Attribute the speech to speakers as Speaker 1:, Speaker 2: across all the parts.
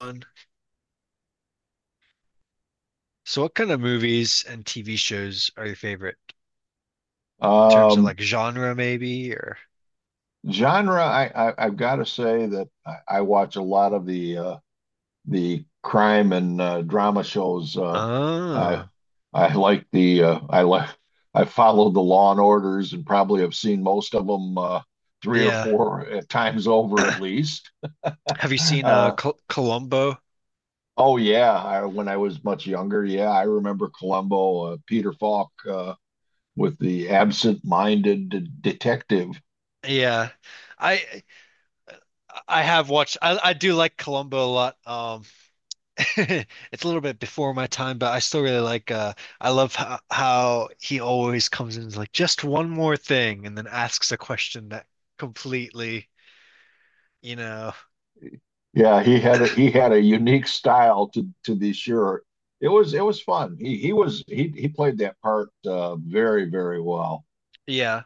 Speaker 1: One. So what kind of movies and TV shows are your favorite in terms of
Speaker 2: Um,
Speaker 1: like genre maybe or
Speaker 2: genre, I've got to say that I watch a lot of the crime and drama shows. I
Speaker 1: ah,
Speaker 2: I like the I like I followed the Law and Orders and probably have seen most of them three or
Speaker 1: yeah.
Speaker 2: four times over at least.
Speaker 1: Have you seen
Speaker 2: Uh,
Speaker 1: Columbo?
Speaker 2: oh yeah, when I was much younger, yeah, I remember Columbo, Peter Falk, with the absent-minded detective.
Speaker 1: Yeah. I I have watched, I do like Columbo a lot. It's a little bit before my time, but I still really like I love how he always comes in and is like just one more thing, and then asks a question that completely, you know,
Speaker 2: Yeah, he had a unique style to be sure. It was fun. He was he played that part very well
Speaker 1: yeah.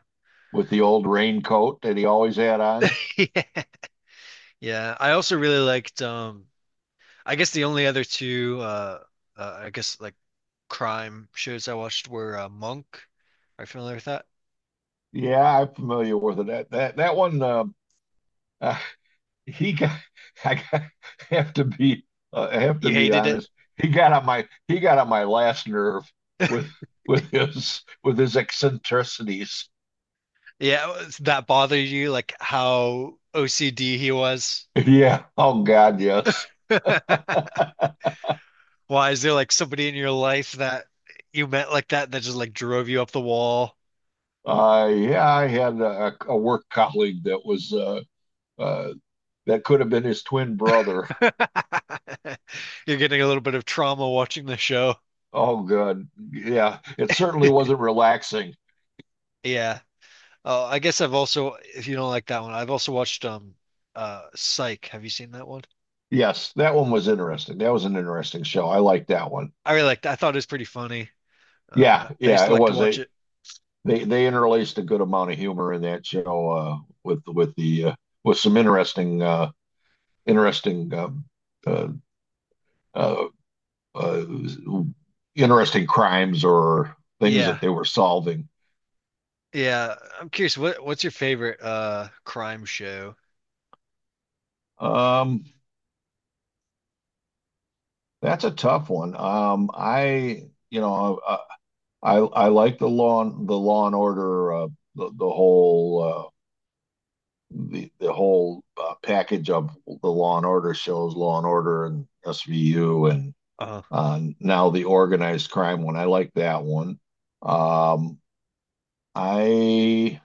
Speaker 2: with the old raincoat that he always had on.
Speaker 1: Yeah, I also really liked I guess the only other two, I guess like crime shows I watched were Monk. Are you familiar with that?
Speaker 2: Yeah, I'm familiar with it. That one uh, he got I got, have to be I have to
Speaker 1: You
Speaker 2: be
Speaker 1: hated it?
Speaker 2: honest. He got on my he got on my last nerve with with his eccentricities.
Speaker 1: Yeah, that bothered you, like how OCD he was?
Speaker 2: Yeah. Oh God, yes.
Speaker 1: Why is there like somebody in your life that you met like that just like drove you up the wall?
Speaker 2: Yeah, I had a work colleague that was uh, that could have been his twin brother.
Speaker 1: You're getting a little bit of trauma watching the show.
Speaker 2: Oh, God. Yeah, it certainly wasn't relaxing.
Speaker 1: Yeah. Oh, I guess I've also, if you don't like that one, I've also watched Psych. Have you seen that one?
Speaker 2: Yes, that one was interesting. That was an interesting show. I liked that one.
Speaker 1: I really liked, I thought it was pretty funny.
Speaker 2: Yeah,
Speaker 1: I used
Speaker 2: yeah,
Speaker 1: to
Speaker 2: it
Speaker 1: like to
Speaker 2: was.
Speaker 1: watch
Speaker 2: They
Speaker 1: it.
Speaker 2: they they interlaced a good amount of humor in that show with the with some interesting interesting um, uh, uh, uh, interesting crimes or things
Speaker 1: Yeah.
Speaker 2: that they were solving.
Speaker 1: Yeah. I'm curious, what's your favorite crime show?
Speaker 2: Um, That's a tough one. I, you know, I like the Law and Order, the, the whole, uh, the whole package of the Law and Order shows, Law and Order and SVU, and
Speaker 1: Uh
Speaker 2: now the organized crime one. I like that one. Um, I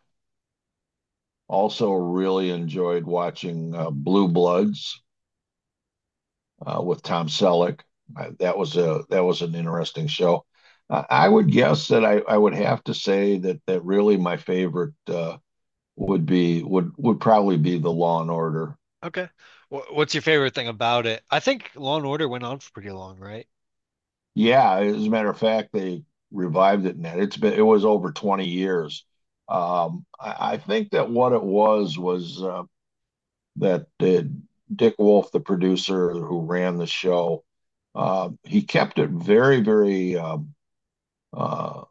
Speaker 2: also really enjoyed watching Blue Bloods, with Tom Selleck. That was a that was an interesting show. I would guess that I would have to say that that really my favorite would be would probably be the Law and Order.
Speaker 1: okay. What's your favorite thing about it? I think Law and Order went on for pretty long, right?
Speaker 2: Yeah, as a matter of fact, they revived it, and it's been it was over 20 years. I think that what it was that Dick Wolf, the producer who ran the show, he kept it very, very uh,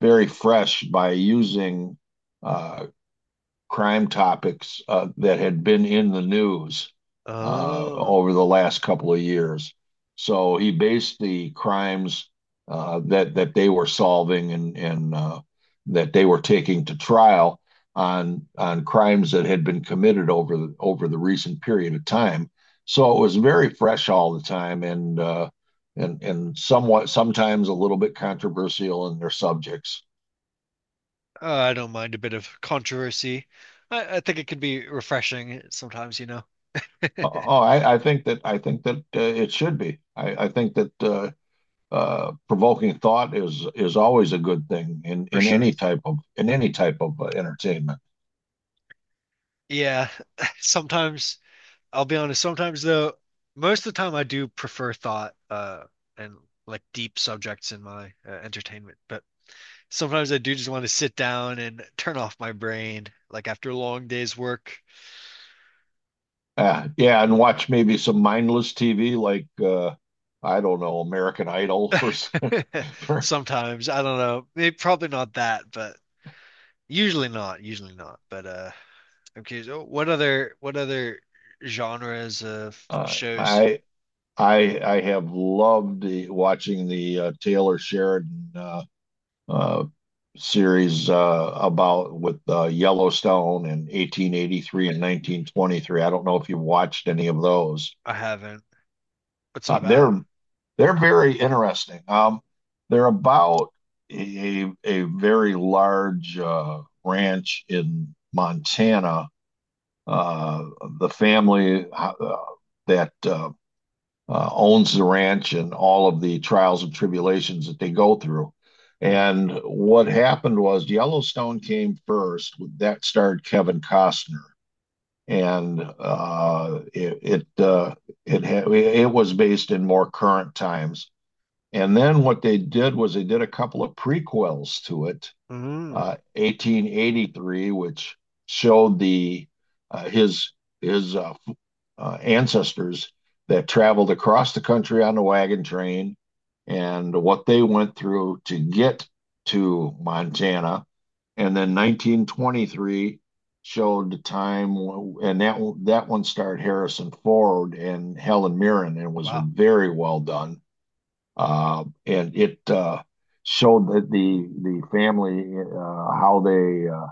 Speaker 2: very fresh by using uh, crime topics that had been in the news
Speaker 1: Oh.
Speaker 2: over the last couple of years. So he based the crimes that they were solving and that they were taking to trial on crimes that had been committed over over the recent period of time. So it was very fresh all the time and and somewhat sometimes a little bit controversial in their subjects.
Speaker 1: I don't mind a bit of controversy. I think it can be refreshing sometimes, you know.
Speaker 2: Oh, I think that it should be. I think that provoking thought is always a good thing
Speaker 1: For
Speaker 2: in
Speaker 1: sure.
Speaker 2: any type of in any type of entertainment.
Speaker 1: Yeah. Sometimes I'll be honest, sometimes though, most of the time I do prefer thought and like deep subjects in my entertainment, but sometimes I do just want to sit down and turn off my brain like after a long day's work.
Speaker 2: Yeah, and watch maybe some mindless TV like I don't know, American Idol for for
Speaker 1: Sometimes, I don't know, maybe probably not that, but usually not. But I'm curious, oh, what other genres of
Speaker 2: uh,
Speaker 1: shows
Speaker 2: I . I I have loved watching the Taylor Sheridan uh, series about with Yellowstone in 1883 and 1923. I don't know if you watched any of those.
Speaker 1: I haven't? What's it
Speaker 2: Uh, they're
Speaker 1: about?
Speaker 2: they're very interesting. They're about a very large ranch in Montana. Uh, the family that owns the ranch and all of the trials and tribulations that they go through.
Speaker 1: Hmm.
Speaker 2: And what happened was Yellowstone came first. That starred Kevin Costner, and it uh, it was based in more current times. And then what they did was they did a couple of prequels to it,
Speaker 1: Mm.
Speaker 2: 1883, which showed the his his uh, ancestors that traveled across the country on the wagon train and what they went through to get to Montana. And then 1923 showed the time, and that one starred Harrison Ford and Helen Mirren, and was
Speaker 1: Wow.
Speaker 2: very well done. And it showed that the family, how they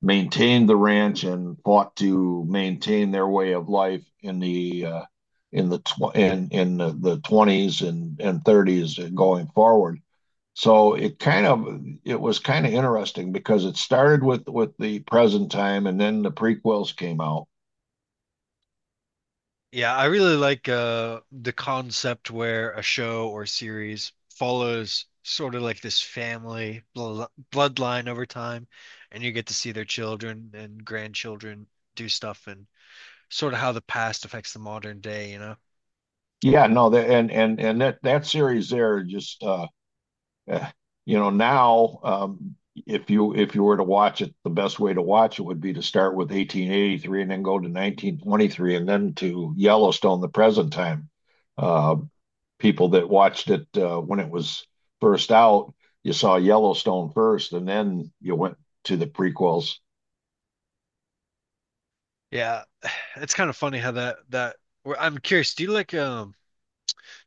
Speaker 2: maintained the ranch and fought to maintain their way of life in the in the 20s and 30s and going forward. So it kind of it was kind of interesting because it started with the present time and then the prequels came out.
Speaker 1: Yeah, I really like the concept where a show or series follows sort of like this family bl bloodline over time, and you get to see their children and grandchildren do stuff, and sort of how the past affects the modern day, you know?
Speaker 2: Yeah, no, that and that that series there just eh, you know, now, um, if you were to watch it, the best way to watch it would be to start with 1883 and then go to 1923 and then to Yellowstone, the present time. Uh, People that watched it when it was first out, you saw Yellowstone first, and then you went to the prequels.
Speaker 1: Yeah, it's kind of funny how I'm curious,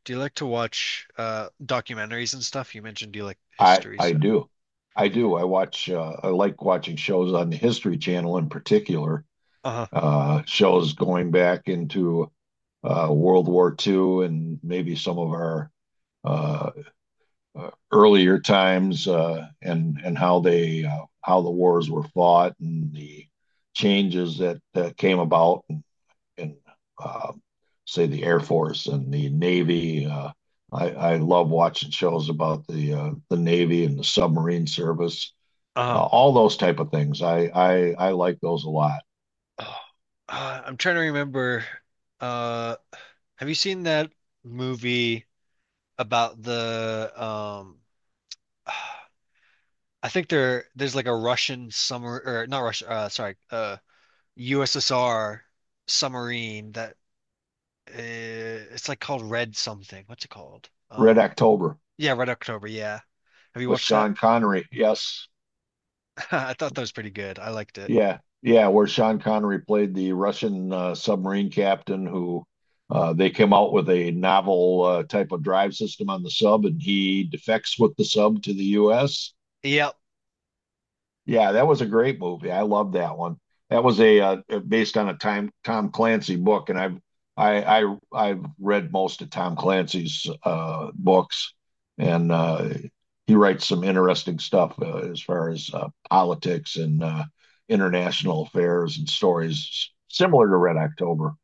Speaker 1: do you like to watch documentaries and stuff? You mentioned you like
Speaker 2: I
Speaker 1: history,
Speaker 2: I
Speaker 1: so.
Speaker 2: do, I do. I watch. I like watching shows on the History Channel in particular.
Speaker 1: Uh-huh.
Speaker 2: Shows going back into World War II and maybe some of our uh, earlier times , and and how they how the wars were fought and the changes that came about, and uh, say, the Air Force and the Navy. I love watching shows about the Navy and the submarine service,
Speaker 1: Uh-huh.
Speaker 2: all those type of things. I like those a lot.
Speaker 1: Oh, I'm trying to remember. Uh, Have you seen that movie about the I think there's like a Russian summer or not Russia sorry USSR submarine that it's like called Red something. What's it called?
Speaker 2: Red October
Speaker 1: Yeah, Red October, yeah. Have you
Speaker 2: with
Speaker 1: watched that?
Speaker 2: Sean Connery. Yes.
Speaker 1: I thought that was pretty good. I liked it.
Speaker 2: Yeah, yeah, where Sean Connery played the Russian submarine captain who they came out with a novel type of drive system on the sub, and he defects with the sub to the U.S.
Speaker 1: Yeah.
Speaker 2: Yeah, that was a great movie. I love that one. That was a based on a time Tom Clancy book, and I've I I've read most of Tom Clancy's books, and he writes some interesting stuff as far as politics and international affairs and stories similar to Red October.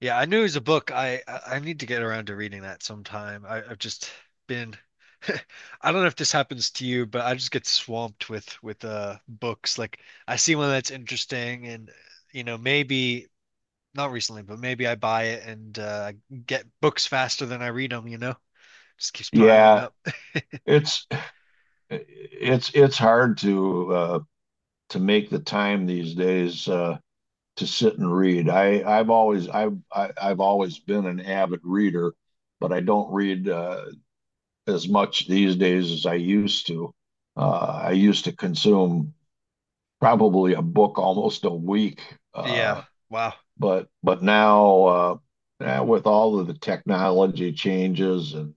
Speaker 1: Yeah, I knew it was a book. I need to get around to reading that sometime. I, I've just been I don't know if this happens to you, but I just get swamped with with books. Like I see one that's interesting, and you know, maybe not recently, but maybe I buy it, and get books faster than I read them, you know? Just keeps piling
Speaker 2: Yeah,
Speaker 1: up.
Speaker 2: it's it's it's hard to make the time these days. To sit and read. I I've always I've I, I've always been an avid reader, but I don't read as much these days as I used to. I used to consume probably a book almost a week,
Speaker 1: Yeah.
Speaker 2: uh,
Speaker 1: Wow.
Speaker 2: but now now with all of the technology changes and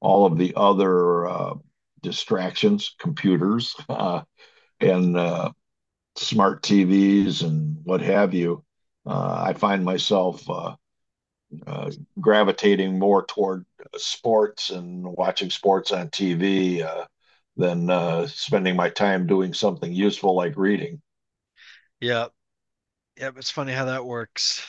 Speaker 2: all of the other distractions, computers, and smart TVs and what have you, I find myself uh, gravitating more toward sports and watching sports on TV, than spending my time doing something useful like reading.
Speaker 1: Yeah. Yeah, it's funny how that works.